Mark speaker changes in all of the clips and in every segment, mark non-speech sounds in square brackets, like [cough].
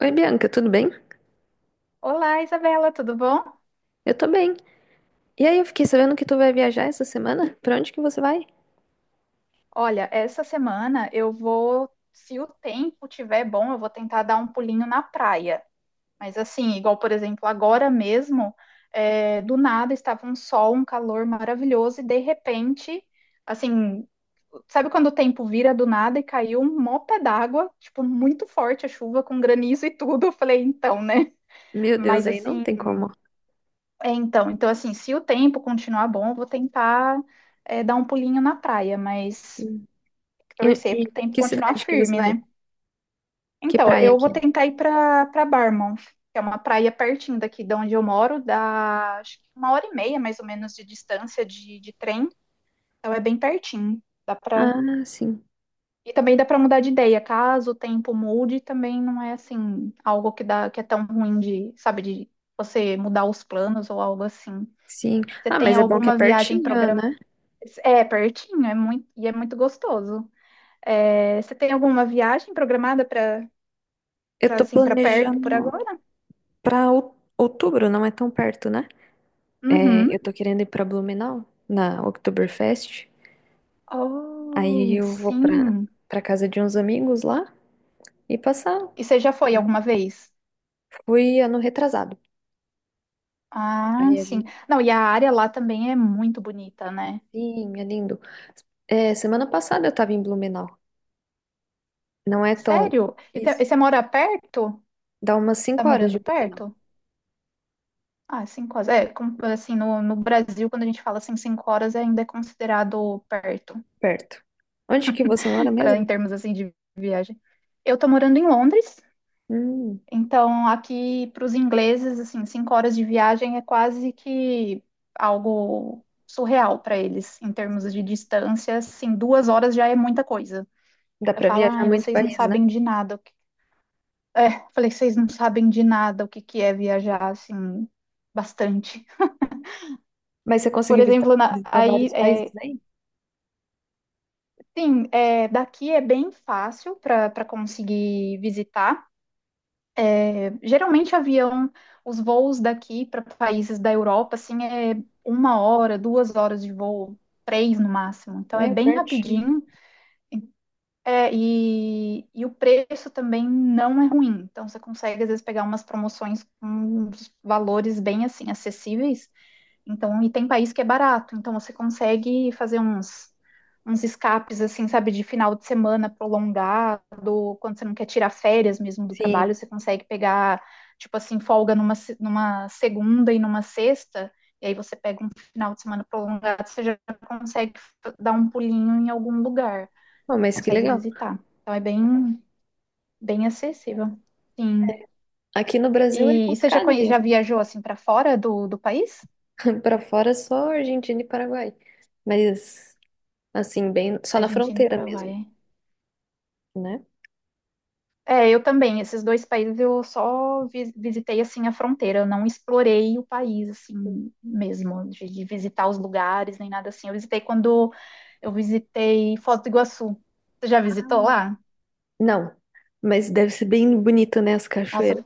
Speaker 1: Oi, Bianca, tudo bem?
Speaker 2: Olá, Isabela, tudo bom?
Speaker 1: Eu tô bem. E aí, eu fiquei sabendo que tu vai viajar essa semana? Pra onde que você vai?
Speaker 2: Olha, essa semana eu vou, se o tempo tiver bom, eu vou tentar dar um pulinho na praia. Mas assim, igual, por exemplo, agora mesmo, do nada estava um sol, um calor maravilhoso, e de repente, assim, sabe quando o tempo vira do nada e caiu um mopé d'água, tipo, muito forte a chuva, com granizo e tudo. Eu falei, então, né?
Speaker 1: Meu Deus,
Speaker 2: Mas
Speaker 1: aí não
Speaker 2: assim,
Speaker 1: tem como.
Speaker 2: então, assim, se o tempo continuar bom, eu vou tentar dar um pulinho na praia, mas
Speaker 1: Sim. E,
Speaker 2: torcer
Speaker 1: e
Speaker 2: para o tempo
Speaker 1: que
Speaker 2: continuar
Speaker 1: cidade que você
Speaker 2: firme,
Speaker 1: vai?
Speaker 2: né?
Speaker 1: Que
Speaker 2: Então,
Speaker 1: praia
Speaker 2: eu
Speaker 1: que
Speaker 2: vou
Speaker 1: é?
Speaker 2: tentar ir para Barmouth, que é uma praia pertinho daqui de onde eu moro, dá acho que uma hora e meia mais ou menos de distância de trem, então é bem pertinho. Dá para
Speaker 1: Ah, sim,
Speaker 2: e também dá para mudar de ideia, caso o tempo mude, também não é assim algo que é tão ruim de, sabe, de você mudar os planos ou algo assim.
Speaker 1: sim.
Speaker 2: Você
Speaker 1: Ah,
Speaker 2: tem
Speaker 1: mas é bom que é
Speaker 2: alguma viagem
Speaker 1: pertinho,
Speaker 2: programada?
Speaker 1: né?
Speaker 2: É pertinho, é muito e é muito gostoso. É, você tem alguma viagem programada para
Speaker 1: Eu
Speaker 2: Pra,
Speaker 1: tô
Speaker 2: assim, pra perto por
Speaker 1: planejando
Speaker 2: agora?
Speaker 1: pra outubro, não é tão perto, né? É,
Speaker 2: Uhum.
Speaker 1: eu tô querendo ir pra Blumenau, na Oktoberfest. Aí
Speaker 2: Oh,
Speaker 1: eu vou
Speaker 2: sim.
Speaker 1: pra casa de uns amigos lá e passar.
Speaker 2: E você já foi
Speaker 1: Né?
Speaker 2: alguma vez?
Speaker 1: Fui ano retrasado.
Speaker 2: Ah,
Speaker 1: Aí a
Speaker 2: sim.
Speaker 1: gente.
Speaker 2: Não, e a área lá também é muito bonita, né?
Speaker 1: Sim, é lindo. É, semana passada eu tava em Blumenau. Não é tão.
Speaker 2: Sério? E você e
Speaker 1: Isso.
Speaker 2: você mora perto?
Speaker 1: Dá umas
Speaker 2: Tá
Speaker 1: 5 horas
Speaker 2: morando
Speaker 1: de Blumenau,
Speaker 2: perto? Ah, 5 horas. É, como, assim, no Brasil, quando a gente fala assim, 5 horas ainda é considerado perto,
Speaker 1: perto. Onde que você mora
Speaker 2: [laughs] para em
Speaker 1: mesmo?
Speaker 2: termos assim de viagem. Eu tô morando em Londres.
Speaker 1: Hum,
Speaker 2: Então, aqui para os ingleses, assim, 5 horas de viagem é quase que algo surreal para eles, em termos de distância. Assim, 2 horas já é muita coisa.
Speaker 1: dá
Speaker 2: Eu
Speaker 1: pra
Speaker 2: falo,
Speaker 1: viajar
Speaker 2: ai,
Speaker 1: muito
Speaker 2: vocês não
Speaker 1: país, né?
Speaker 2: sabem de nada. [laughs] Falei, vocês não sabem de nada o que que é viajar, assim, bastante.
Speaker 1: Mas você
Speaker 2: Por
Speaker 1: conseguiu
Speaker 2: exemplo,
Speaker 1: visitar
Speaker 2: aí,
Speaker 1: vários países
Speaker 2: é,
Speaker 1: aí?
Speaker 2: sim, é, daqui é bem fácil para conseguir visitar. Geralmente avião, os voos daqui para países da Europa, assim, 1 hora, 2 horas de voo, três no máximo. Então é
Speaker 1: Meio
Speaker 2: bem
Speaker 1: pertinho.
Speaker 2: rapidinho. E o preço também não é ruim. Então você consegue, às vezes, pegar umas promoções com uns valores bem, assim, acessíveis. Então, e tem país que é barato, então você consegue fazer uns escapes, assim, sabe, de final de semana prolongado, quando você não quer tirar férias mesmo do trabalho,
Speaker 1: Sim.
Speaker 2: você consegue pegar, tipo assim, folga numa, se- numa segunda e numa sexta, e aí você pega um final de semana prolongado, você já dar um pulinho em algum lugar,
Speaker 1: Pô, mas que
Speaker 2: consegue
Speaker 1: legal.
Speaker 2: visitar. Então, é bem, bem acessível. Sim.
Speaker 1: Aqui no Brasil é
Speaker 2: E você já,
Speaker 1: complicado
Speaker 2: já
Speaker 1: viajar.
Speaker 2: viajou, assim, para fora do país?
Speaker 1: [laughs] Pra fora é só Argentina e Paraguai. Mas, assim, bem, só na
Speaker 2: Argentina e
Speaker 1: fronteira mesmo,
Speaker 2: Paraguai.
Speaker 1: né?
Speaker 2: É, eu também. Esses dois países eu só visitei assim a fronteira, eu não explorei o país assim mesmo, de visitar os lugares nem nada assim. Eu visitei Foz do Iguaçu. Você já visitou lá?
Speaker 1: Não. Mas deve ser bem bonito, né? As cachoeiras.
Speaker 2: Nossa,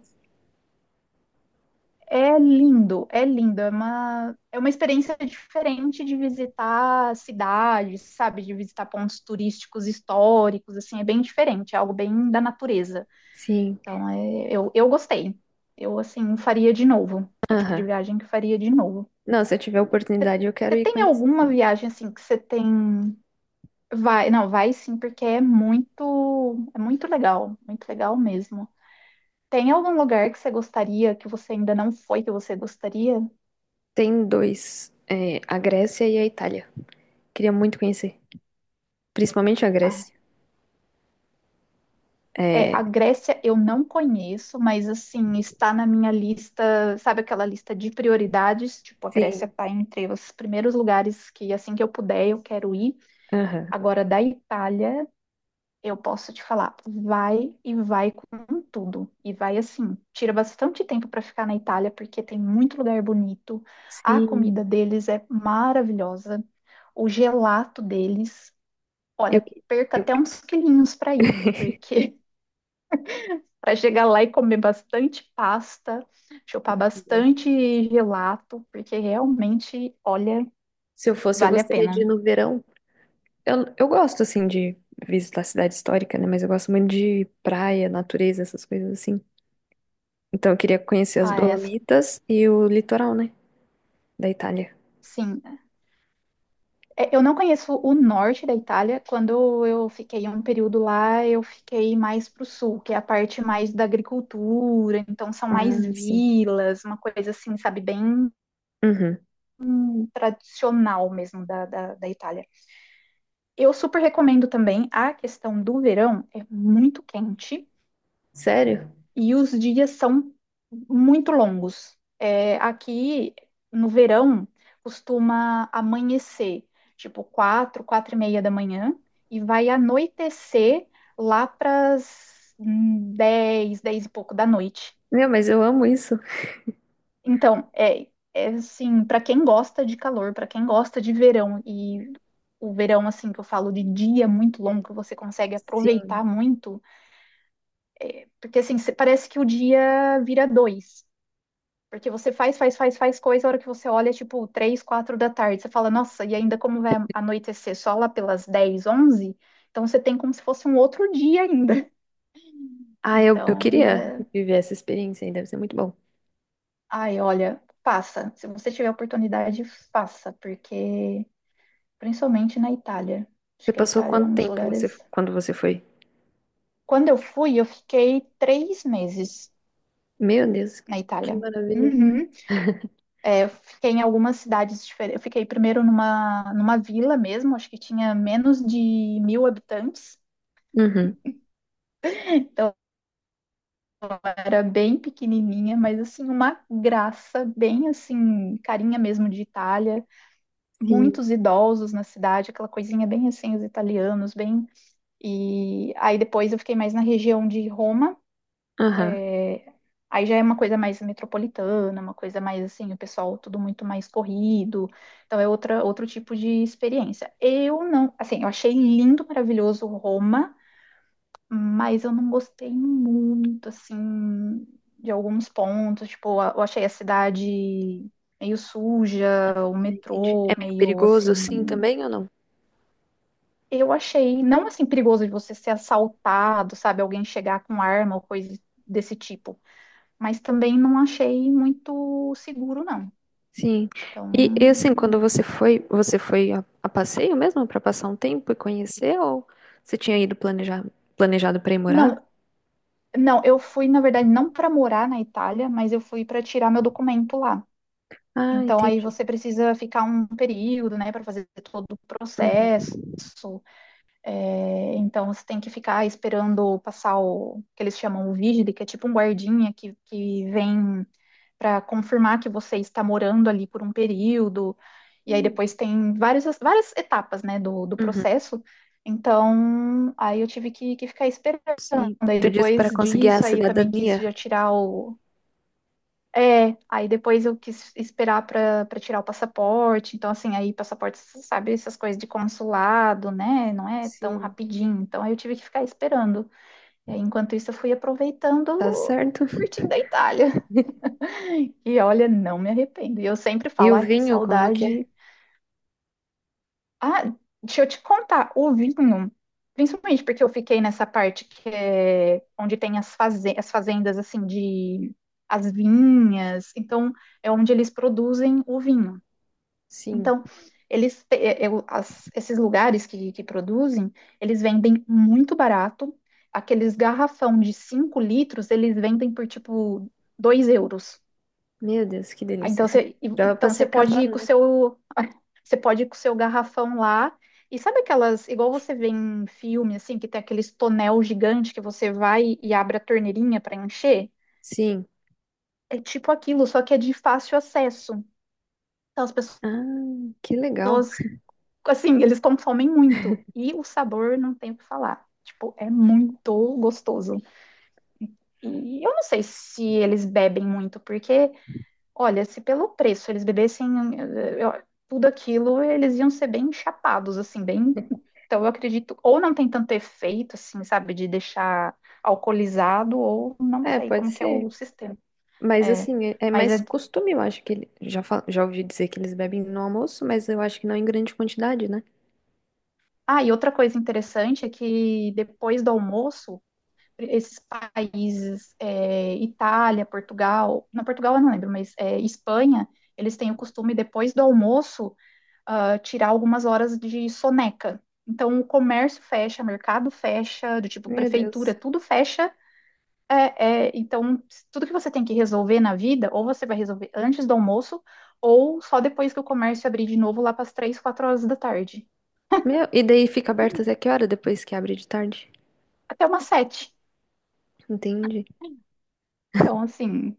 Speaker 2: é lindo, é lindo. É uma experiência diferente de visitar cidades, sabe? De visitar pontos turísticos históricos, assim, é bem diferente, é algo bem da natureza.
Speaker 1: Sim.
Speaker 2: Então, eu gostei. Eu, assim, faria de novo. É o tipo de
Speaker 1: Aham.
Speaker 2: viagem que eu faria de novo.
Speaker 1: Não, se eu tiver oportunidade, eu quero
Speaker 2: Você
Speaker 1: ir
Speaker 2: tem
Speaker 1: conhecer.
Speaker 2: alguma viagem, assim, que você tem... Vai, não, vai sim, porque é muito legal. Muito legal mesmo. Tem algum lugar que você gostaria, que você ainda não foi, que você gostaria?
Speaker 1: Tem dois, é, a Grécia e a Itália. Queria muito conhecer, principalmente a
Speaker 2: Ah,
Speaker 1: Grécia. É,
Speaker 2: a Grécia eu não conheço, mas, assim, está na minha lista, sabe aquela lista de prioridades? Tipo, a Grécia
Speaker 1: sim,
Speaker 2: está entre os primeiros lugares que, assim que eu puder, eu quero ir.
Speaker 1: aham,
Speaker 2: Agora, da Itália... Eu posso te falar, vai e vai com tudo. E vai assim, tira bastante tempo para ficar na Itália, porque tem muito lugar bonito. A
Speaker 1: sim.
Speaker 2: comida deles é maravilhosa. O gelato deles,
Speaker 1: Eu,
Speaker 2: olha, perca
Speaker 1: eu-
Speaker 2: até uns quilinhos para ir,
Speaker 1: [laughs]
Speaker 2: porque [laughs] para chegar lá e comer bastante pasta, chupar bastante gelato, porque realmente, olha,
Speaker 1: se eu fosse, eu
Speaker 2: vale a
Speaker 1: gostaria de ir
Speaker 2: pena.
Speaker 1: no verão. Eu gosto, assim, de visitar a cidade histórica, né? Mas eu gosto muito de praia, natureza, essas coisas assim. Então, eu queria conhecer as
Speaker 2: Ah, é,
Speaker 1: Dolomitas e o litoral, né? Da Itália.
Speaker 2: sim, É, Eu não conheço o norte da Itália. Quando eu fiquei um período lá, eu fiquei mais para o sul, que é a parte mais da agricultura. Então, são mais
Speaker 1: Ah, sim.
Speaker 2: vilas, uma coisa assim, sabe, bem
Speaker 1: Uhum.
Speaker 2: tradicional mesmo da Itália. Eu super recomendo também a questão do verão, é muito quente.
Speaker 1: Sério?
Speaker 2: E os dias são muito longos. Aqui no verão costuma amanhecer, tipo quatro, quatro e meia da manhã, e vai anoitecer lá para as dez, dez e pouco da noite.
Speaker 1: Meu, mas eu amo isso.
Speaker 2: Então, é assim, para quem gosta de calor, para quem gosta de verão, e o verão, assim, que eu falo de dia muito longo, que você consegue
Speaker 1: Sim.
Speaker 2: aproveitar muito, porque assim, parece que o dia vira dois. Porque você faz, faz, faz, faz coisa, a hora que você olha, é tipo, 3, 4 da tarde, você fala, nossa, e ainda como vai anoitecer só lá pelas dez, onze. Então você tem como se fosse um outro dia ainda. [laughs]
Speaker 1: Ah, eu
Speaker 2: Então,
Speaker 1: queria
Speaker 2: né?
Speaker 1: viver essa experiência aí, deve ser muito bom.
Speaker 2: Ai, olha, faça. Se você tiver oportunidade, faça, porque principalmente na Itália. Acho
Speaker 1: Você
Speaker 2: que a
Speaker 1: passou
Speaker 2: Itália é
Speaker 1: quanto
Speaker 2: um dos
Speaker 1: tempo você,
Speaker 2: lugares.
Speaker 1: quando você foi?
Speaker 2: Quando eu fui, eu fiquei 3 meses
Speaker 1: Meu Deus,
Speaker 2: na
Speaker 1: que
Speaker 2: Itália.
Speaker 1: maravilha.
Speaker 2: Uhum. Eu fiquei em algumas cidades diferentes. Eu fiquei primeiro numa vila mesmo, acho que tinha menos de 1.000 habitantes.
Speaker 1: Uhum,
Speaker 2: Então era bem pequenininha, mas assim, uma graça, bem assim, carinha mesmo de Itália.
Speaker 1: sim.
Speaker 2: Muitos idosos na cidade, aquela coisinha bem assim, os italianos, bem. E aí depois eu fiquei mais na região de Roma.
Speaker 1: Aham,
Speaker 2: Aí já é uma coisa mais metropolitana, uma coisa mais assim, o pessoal tudo muito mais corrido. Então é outra, outro tipo de experiência. Eu não, assim, eu achei lindo, maravilhoso Roma, mas eu não gostei muito, assim, de alguns pontos. Tipo, eu achei a cidade meio suja, o
Speaker 1: entendi.
Speaker 2: metrô
Speaker 1: É meio
Speaker 2: meio
Speaker 1: perigoso, sim,
Speaker 2: assim.
Speaker 1: também ou não?
Speaker 2: Eu achei, não assim, perigoso de você ser assaltado, sabe? Alguém chegar com arma ou coisa desse tipo, mas também não achei muito seguro, não.
Speaker 1: Sim.
Speaker 2: Então,
Speaker 1: Assim, quando você foi a passeio mesmo para passar um tempo e conhecer ou você tinha ido planejar, planejado para ir morar?
Speaker 2: não, não, eu fui, na verdade, não para morar na Itália, mas eu fui para tirar meu documento lá.
Speaker 1: Ah,
Speaker 2: Então, aí
Speaker 1: entendi.
Speaker 2: você precisa ficar um período, né, para fazer todo o
Speaker 1: Uhum.
Speaker 2: processo. Então, você tem que ficar esperando passar o que eles chamam o vigile, que é tipo um guardinha que vem para confirmar que você está morando ali por um período. E aí
Speaker 1: Hum,
Speaker 2: depois tem várias, várias etapas, né, do
Speaker 1: uhum.
Speaker 2: processo. Então, aí eu tive que ficar esperando.
Speaker 1: Sim.
Speaker 2: Aí
Speaker 1: Tu disse para
Speaker 2: depois
Speaker 1: conseguir a
Speaker 2: disso, aí também quis
Speaker 1: cidadania.
Speaker 2: já tirar o, aí depois eu quis esperar para tirar o passaporte. Então, assim, aí passaporte, você sabe, essas coisas de consulado, né? Não é tão
Speaker 1: Sim.
Speaker 2: rapidinho. Então, aí eu tive que ficar esperando. E aí, enquanto isso, eu fui
Speaker 1: Tá
Speaker 2: aproveitando,
Speaker 1: certo.
Speaker 2: curtindo a Itália. [laughs] E olha, não me arrependo. E eu sempre
Speaker 1: E
Speaker 2: falo,
Speaker 1: o
Speaker 2: ai, que
Speaker 1: vinho, como que é?
Speaker 2: saudade. Ah, deixa eu te contar, o vinho, principalmente porque eu fiquei nessa parte que é onde tem as fazendas assim de as vinhas, então é onde eles produzem o vinho.
Speaker 1: Sim.
Speaker 2: Então, eles esses lugares que produzem, eles vendem muito barato. Aqueles garrafão de 5 litros, eles vendem por tipo €2.
Speaker 1: Meu Deus, que
Speaker 2: Ah,
Speaker 1: delícia.
Speaker 2: então você,
Speaker 1: [laughs] Dava pra
Speaker 2: então
Speaker 1: ser
Speaker 2: você pode ir
Speaker 1: acabando,
Speaker 2: com o
Speaker 1: né?
Speaker 2: seu você pode ir com o seu garrafão lá. E sabe aquelas, igual você vê em filme, assim, que tem aqueles tonel gigante que você vai e abre a torneirinha para encher?
Speaker 1: Sim.
Speaker 2: É tipo aquilo, só que é de fácil acesso. Então as pessoas,
Speaker 1: Ah, que legal.
Speaker 2: assim, eles consomem muito. E o sabor não tem o que falar. Tipo, é muito gostoso. E eu não sei se eles bebem muito, porque olha, se pelo preço eles bebessem eh, eu- tudo aquilo, eles iam ser bem chapados, assim, bem. Então, eu acredito, ou não tem tanto efeito, assim, sabe, de deixar alcoolizado, ou não
Speaker 1: É,
Speaker 2: sei
Speaker 1: pode
Speaker 2: como que é o
Speaker 1: ser.
Speaker 2: sistema.
Speaker 1: Mas
Speaker 2: É,
Speaker 1: assim, é
Speaker 2: mas
Speaker 1: mais
Speaker 2: é.
Speaker 1: costume, eu acho que ele, já, já ouvi dizer que eles bebem no almoço, mas eu acho que não em grande quantidade, né?
Speaker 2: Ah, e outra coisa interessante é que depois do almoço, esses países, Itália, Portugal, não, Portugal eu não lembro, mas Espanha, eles têm o costume, depois do almoço, tirar algumas horas de soneca. Então, o comércio fecha, mercado fecha, do tipo
Speaker 1: Meu
Speaker 2: prefeitura,
Speaker 1: Deus.
Speaker 2: tudo fecha. Então, tudo que você tem que resolver na vida, ou você vai resolver antes do almoço, ou só depois que o comércio abrir de novo lá para as 3, 4 horas da tarde,
Speaker 1: Meu, e daí fica aberto até que hora depois que abre de tarde?
Speaker 2: até umas sete.
Speaker 1: Entendi.
Speaker 2: Então, assim,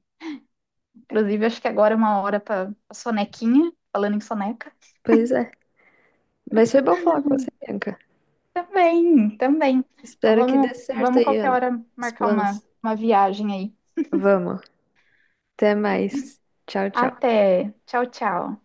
Speaker 2: inclusive, acho que agora é uma hora para sonequinha, falando em soneca.
Speaker 1: Pois é. Mas foi bom falar com você, Bianca.
Speaker 2: Também, também. Então,
Speaker 1: Espero que dê
Speaker 2: vamos,
Speaker 1: certo
Speaker 2: vamos
Speaker 1: aí
Speaker 2: qualquer hora
Speaker 1: os
Speaker 2: marcar
Speaker 1: planos.
Speaker 2: uma viagem aí.
Speaker 1: Vamos. Até mais. Tchau, tchau.
Speaker 2: Até. Tchau, tchau.